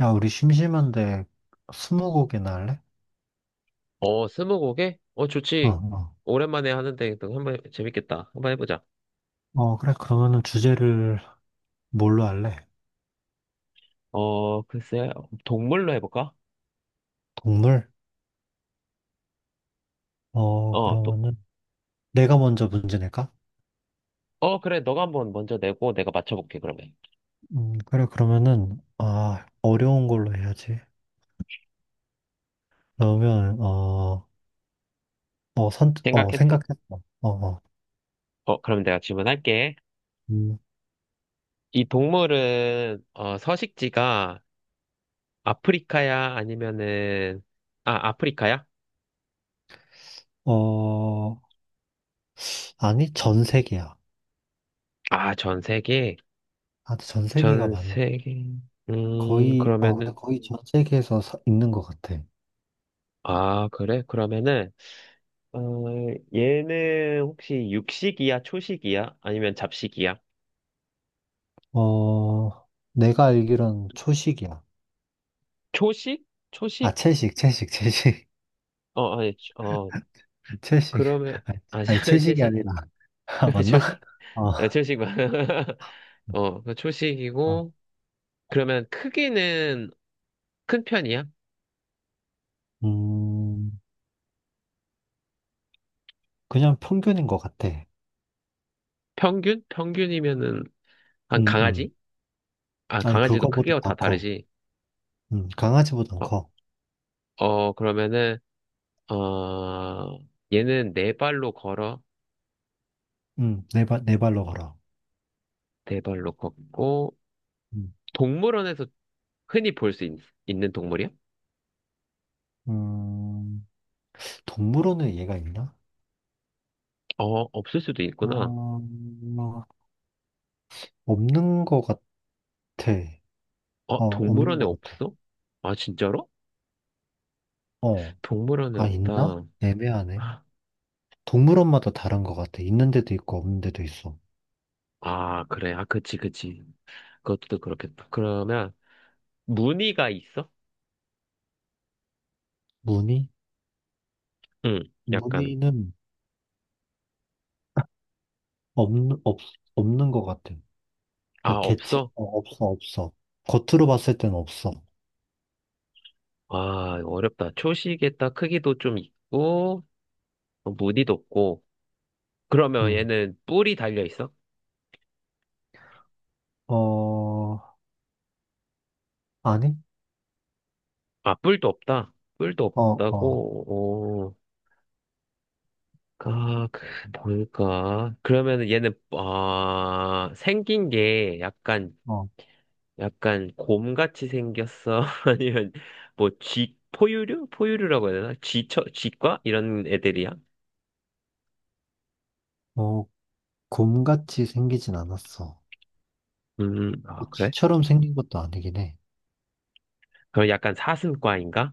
야, 우리 심심한데 스무고개나 할래? 스무고개? 어, 좋지. 어. 오랜만에 하는데 또 재밌겠다. 한번 해보자. 어, 그래. 그러면은 주제를 뭘로 할래? 어, 글쎄, 동물로 해볼까? 동물? 어, 도, 그러면은 내가 먼저 문제 낼까? 어, 그래. 너가 한번 먼저 내고 내가 맞춰볼게, 그러면. 그래. 그러면은 어려운 걸로 해야지. 그러면 생각했어? 생각했어. 어, 어. 그럼 내가 질문할게. 음, 이 동물은, 서식지가 아프리카야? 아, 아프리카야? 어, 아니, 전 세계야. 아, 전 세계? 아, 전 세계가 전 세계. 거의, 근데 그러면은, 거의 전 세계에서 있는 것 같아. 아, 그래? 그러면은, 어, 얘는 혹시 육식이야, 초식이야? 아니면 잡식이야? 어, 내가 알기론 초식이야. 초식? 초식? 채식, 어, 아니, 어, 채식. 그러면, 아니, 아, 아니, 채식이 채식이. 아니라. 아, 맞나? 초식? 어, 초식 만 어. 초식이고, 그러면 크기는 큰 편이야? 음, 그냥 평균인 것 같아. 평균? 평균이면은, 한 음, 음. 강아지? 아, 아니, 강아지도 그거보다 크기가 더 다 커. 다르지. 강아지보단 어, 커. 그러면은, 어, 얘는 네 발로 걸어, 네 발로 걸어. 네 발로 걷고, 음, 동물원에서 흔히 볼 수 있는 동물이야? 음, 동물원에 얘가 있나? 어, 없을 수도 있구나. 어, 없는 것 같아. 어, 없는 동물원에 것 같아. 없어? 아, 진짜로? 어, 동물원에 아, 있나? 없다. 애매하네. 동물원마다 다른 것 같아. 있는 데도 있고, 없는 데도 있어. 아, 그래. 아, 그치, 그치. 그것도 그렇겠다. 그러면, 무늬가 있어? 무늬? 응, 약간. 문의는 없는, 없, 없는 것 같아. 아, 그러니까 없어? 없어. 겉으로 봤을 땐 없어. 아, 이거 어렵다. 초식에 딱 크기도 좀 있고, 무늬도 없고. 그러면 응. 얘는 뿔이 달려 있어? 어, 아니? 아, 뿔도 없다. 뿔도 어, 어, 없다고, 어, 아, 그, 뭘까? 그러면 얘는, 생긴 게 약간, 어. 약간 곰같이 생겼어? 아니면 포유류? 포유류라고 해야 되나? 쥐과? 이런 애들이야? 어, 곰같이 생기진 않았어. 뭐 아, 그래? 쥐처럼 생긴 것도 아니긴 해. 그럼 약간 사슴과인가?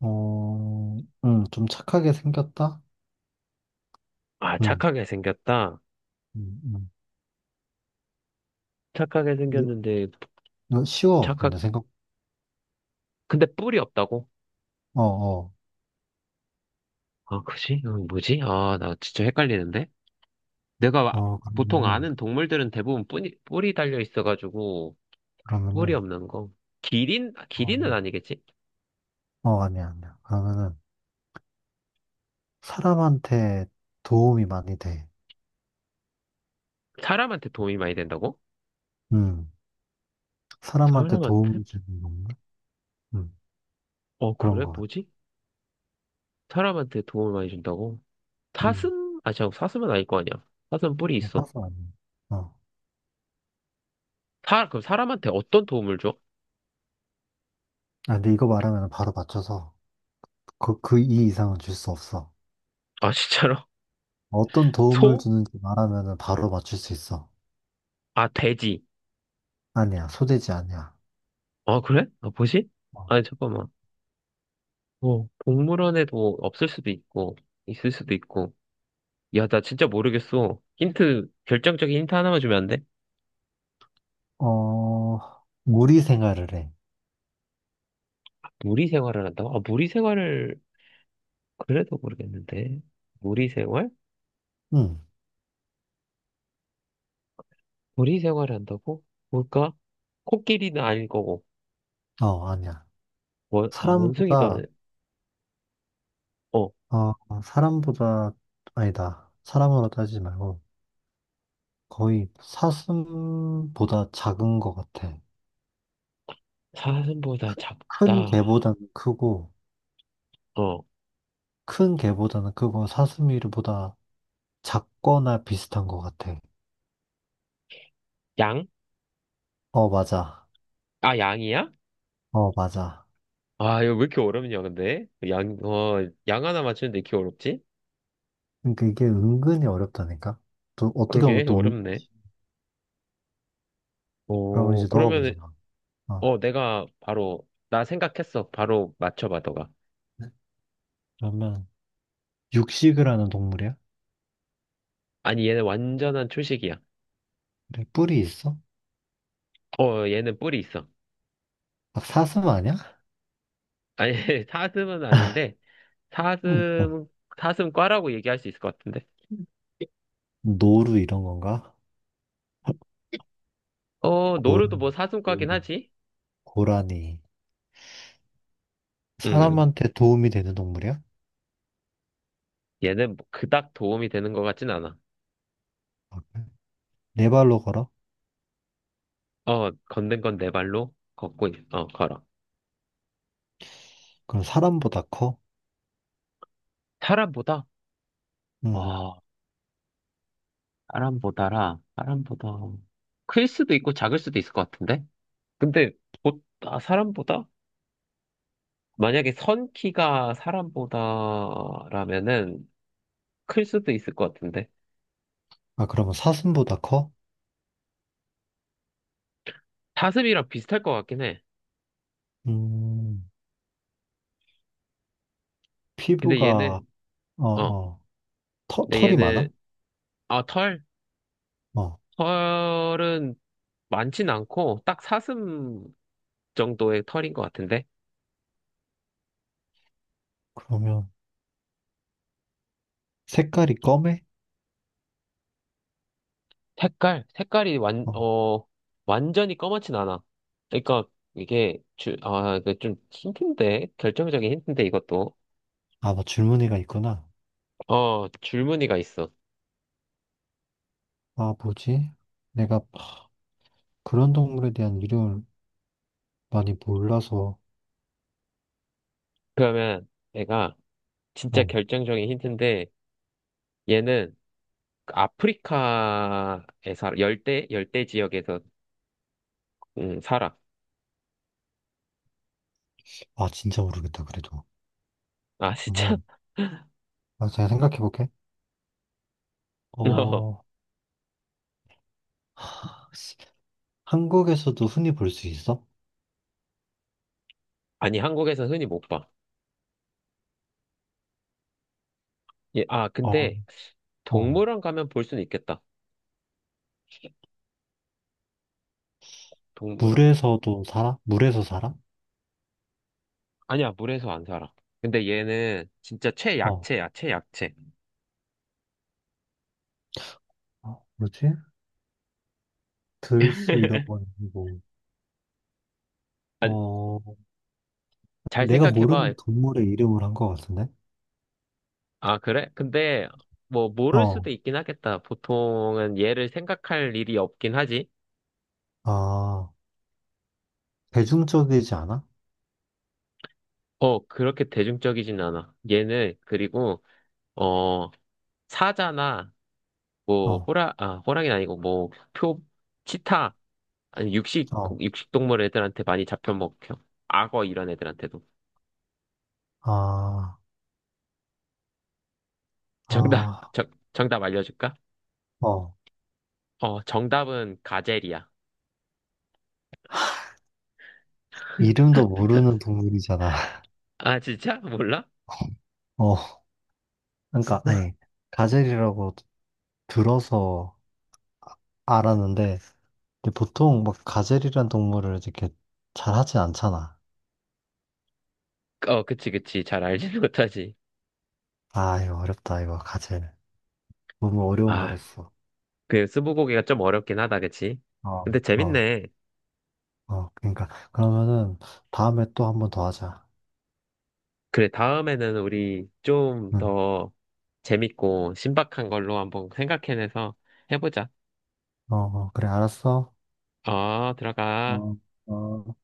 어, 응, 좀 착하게 생겼다? 아, 응, 착하게 생겼다. 응, 응. 착하게 이게 생겼는데, 이거 쉬워, 착각, 근데 생각, 근데 뿔이 없다고? 어, 어, 아, 그지? 어, 뭐지? 아, 나 진짜 헷갈리는데? 내가 아- 어, 보통 아는 동물들은 대부분 뿔이 달려 있어가지고, 뿔이 그러면은, 없는 거. 기린? 아, 어, 기린은 아니겠지? 어, 아니야, 아니야. 그러면은 사람한테 도움이 많이 돼. 사람한테 도움이 많이 된다고? 응. 사람한테 사람한테? 도움 주는 건가? 음, 어, 그런 그래? 것 같아. 뭐지? 사람한테 도움을 많이 준다고? 음, 사슴? 아, 잠깐, 사슴은 아닐 거 아니야. 사슴 뿔이 뭐 있어. 파서 아니야. 어. 그럼 사람한테 어떤 도움을 줘? 아, 근데 이거 말하면 바로 맞춰서 그, 그 이 이상은 줄 수 없어. 아, 진짜로? 어떤 도움을 소? 주는지 말하면 바로 맞출 수 있어. 아, 돼지. 아니야, 소재지 아니야. 아, 그래? 아, 뭐지? 어, 아니, 잠깐만. 동물원에도 없을 수도 있고, 있을 수도 있고. 야, 나 진짜 모르겠어. 힌트, 결정적인 힌트 하나만 주면 안 돼? 어, 무리 생활을 해. 무리 생활을 한다고? 아, 무리 생활을, 그래도 모르겠는데. 무리 생활? 응, 무리 생활을 한다고? 뭘까? 코끼리는 아닐 거고, 어, 아니야. 원숭이도 아니, 사람보다, 어. 어, 사람보다, 아니다. 사람으로 따지지 말고 거의 사슴보다 작은 것 같아. 사슴보다 큰 작다. 개보다는 크고, 어, 큰 개보다는 그거 사슴이보다 작거나 비슷한 것 같아. 양? 어, 맞아. 아, 양이야? 어, 맞아. 아, 이거 왜 이렇게 어렵냐, 근데? 양 하나 맞추는데 이렇게 어렵지? 그러니까 이게 은근히 어렵다니까? 또 어떻게 보면 그러게, 어렵네. 그러면 이제 너가 문제 그러면, 나. 어. 내가 나 생각했어. 바로 맞춰봐, 너가. 그러면 육식을 하는 동물이야? 아니, 얘는 완전한 초식이야. 그래, 뿔이 있어? 어, 얘는 뿔이 있어. 막 사슴 아니야? 아니, 사슴은 아닌데, 응. 어. 사슴, 사슴과라고 얘기할 수 있을 것 같은데. 노루 이런 건가? 어, 노루도 고라니, 뭐 사슴과긴 노루. 하지? 고라니. 음, 사람한테 도움이 되는 동물이야? 얘는 뭐 그닥 도움이 되는 것 같진 않아. 아, 그래? 네 발로 걸어? 어, 걷는 건 내 발로 걸어. 그럼 사람보다 커? 사람보다? 응. 어, 사람보다. 클 수도 있고 작을 수도 있을 것 같은데? 근데, 아, 사람보다? 만약에 선 키가 사람보다라면은 클 수도 있을 것 같은데? 아, 그러면 사슴보다 커? 사슴이랑 비슷할 것 같긴 해. 음. 근데 피부가, 얘는, 어, 어, 어, 근데 털이 얘는, 많아? 아, 털? 어, 털은 많진 않고, 딱 사슴 정도의 털인 것 같은데? 그러면 색깔이 검해? 색깔? 어, 완전히 검맣진 않아. 그러니까 아, 이거 좀 힌트인데? 결정적인 힌트인데 이것도. 아, 뭐 줄무늬가 있구나. 어, 줄무늬가 있어. 아, 뭐지? 내가 그런 동물에 대한 이름을 많이 몰라서, 그러면 얘가 진짜 어, 결정적인 힌트인데 얘는 그 아프리카에 살아. 열대 지역에서 살아. 아, 진짜 모르겠다, 그래도. 아, 진짜? 그러면, 아, 제가 생각해 볼게. 어, 어, 하, 씨, 한국에서도 흔히 볼 수 있어? 아니, 한국에서 흔히 못 봐. 어, 근데 어, 동물원 가면 볼 수는 있겠다. 동물원. 물에서도 살아? 물에서 살아? 아니야, 물에서 안 살아. 근데 얘는 진짜 어, 최약체야, 최약체. 어, 뭐지? 들수 이런 건 아니고, 아, 어, 잘 내가 모르는 생각해봐. 동물의 이름을 한 것 같은데? 아, 그래? 근데 뭐 모를 어, 수도 있긴 하겠다. 보통은 얘를 생각할 일이 없긴 하지. 아, 대중적이지 않아? 어, 그렇게 대중적이진 않아. 얘는 그리고 어 사자나 어, 호랑이는 아니고 뭐표 치타 아니 육식 어, 육식 동물 애들한테 많이 잡혀 먹혀. 악어 이런 애들한테도. 아, 아, 정답 알려줄까? 어, 어, 정답은 가젤이야. 이름도 모르는 동물이잖아. 아, 진짜? 몰라? 어, 그러니까, 아니, 가젤이라고 들어서 알았는데, 근데 보통 막 가젤이란 동물을 이렇게 잘 하진 않잖아. 어, 그치, 그치. 잘 알지는 못하지. 아, 이거 어렵다, 이거, 가젤. 너무 어려운 걸 아, 했어. 그 스무고개가 좀 어렵긴 하다, 그치? 어, 근데 어, 재밌네. 어, 그러니까, 그러면은 다음에 또 한번 더 하자. 그래, 다음에는 우리 좀 응, 더 재밌고 신박한 걸로 한번 생각해내서 해보자. 어, 어, 그래, 알았어. 어, 들어가. 어, 어.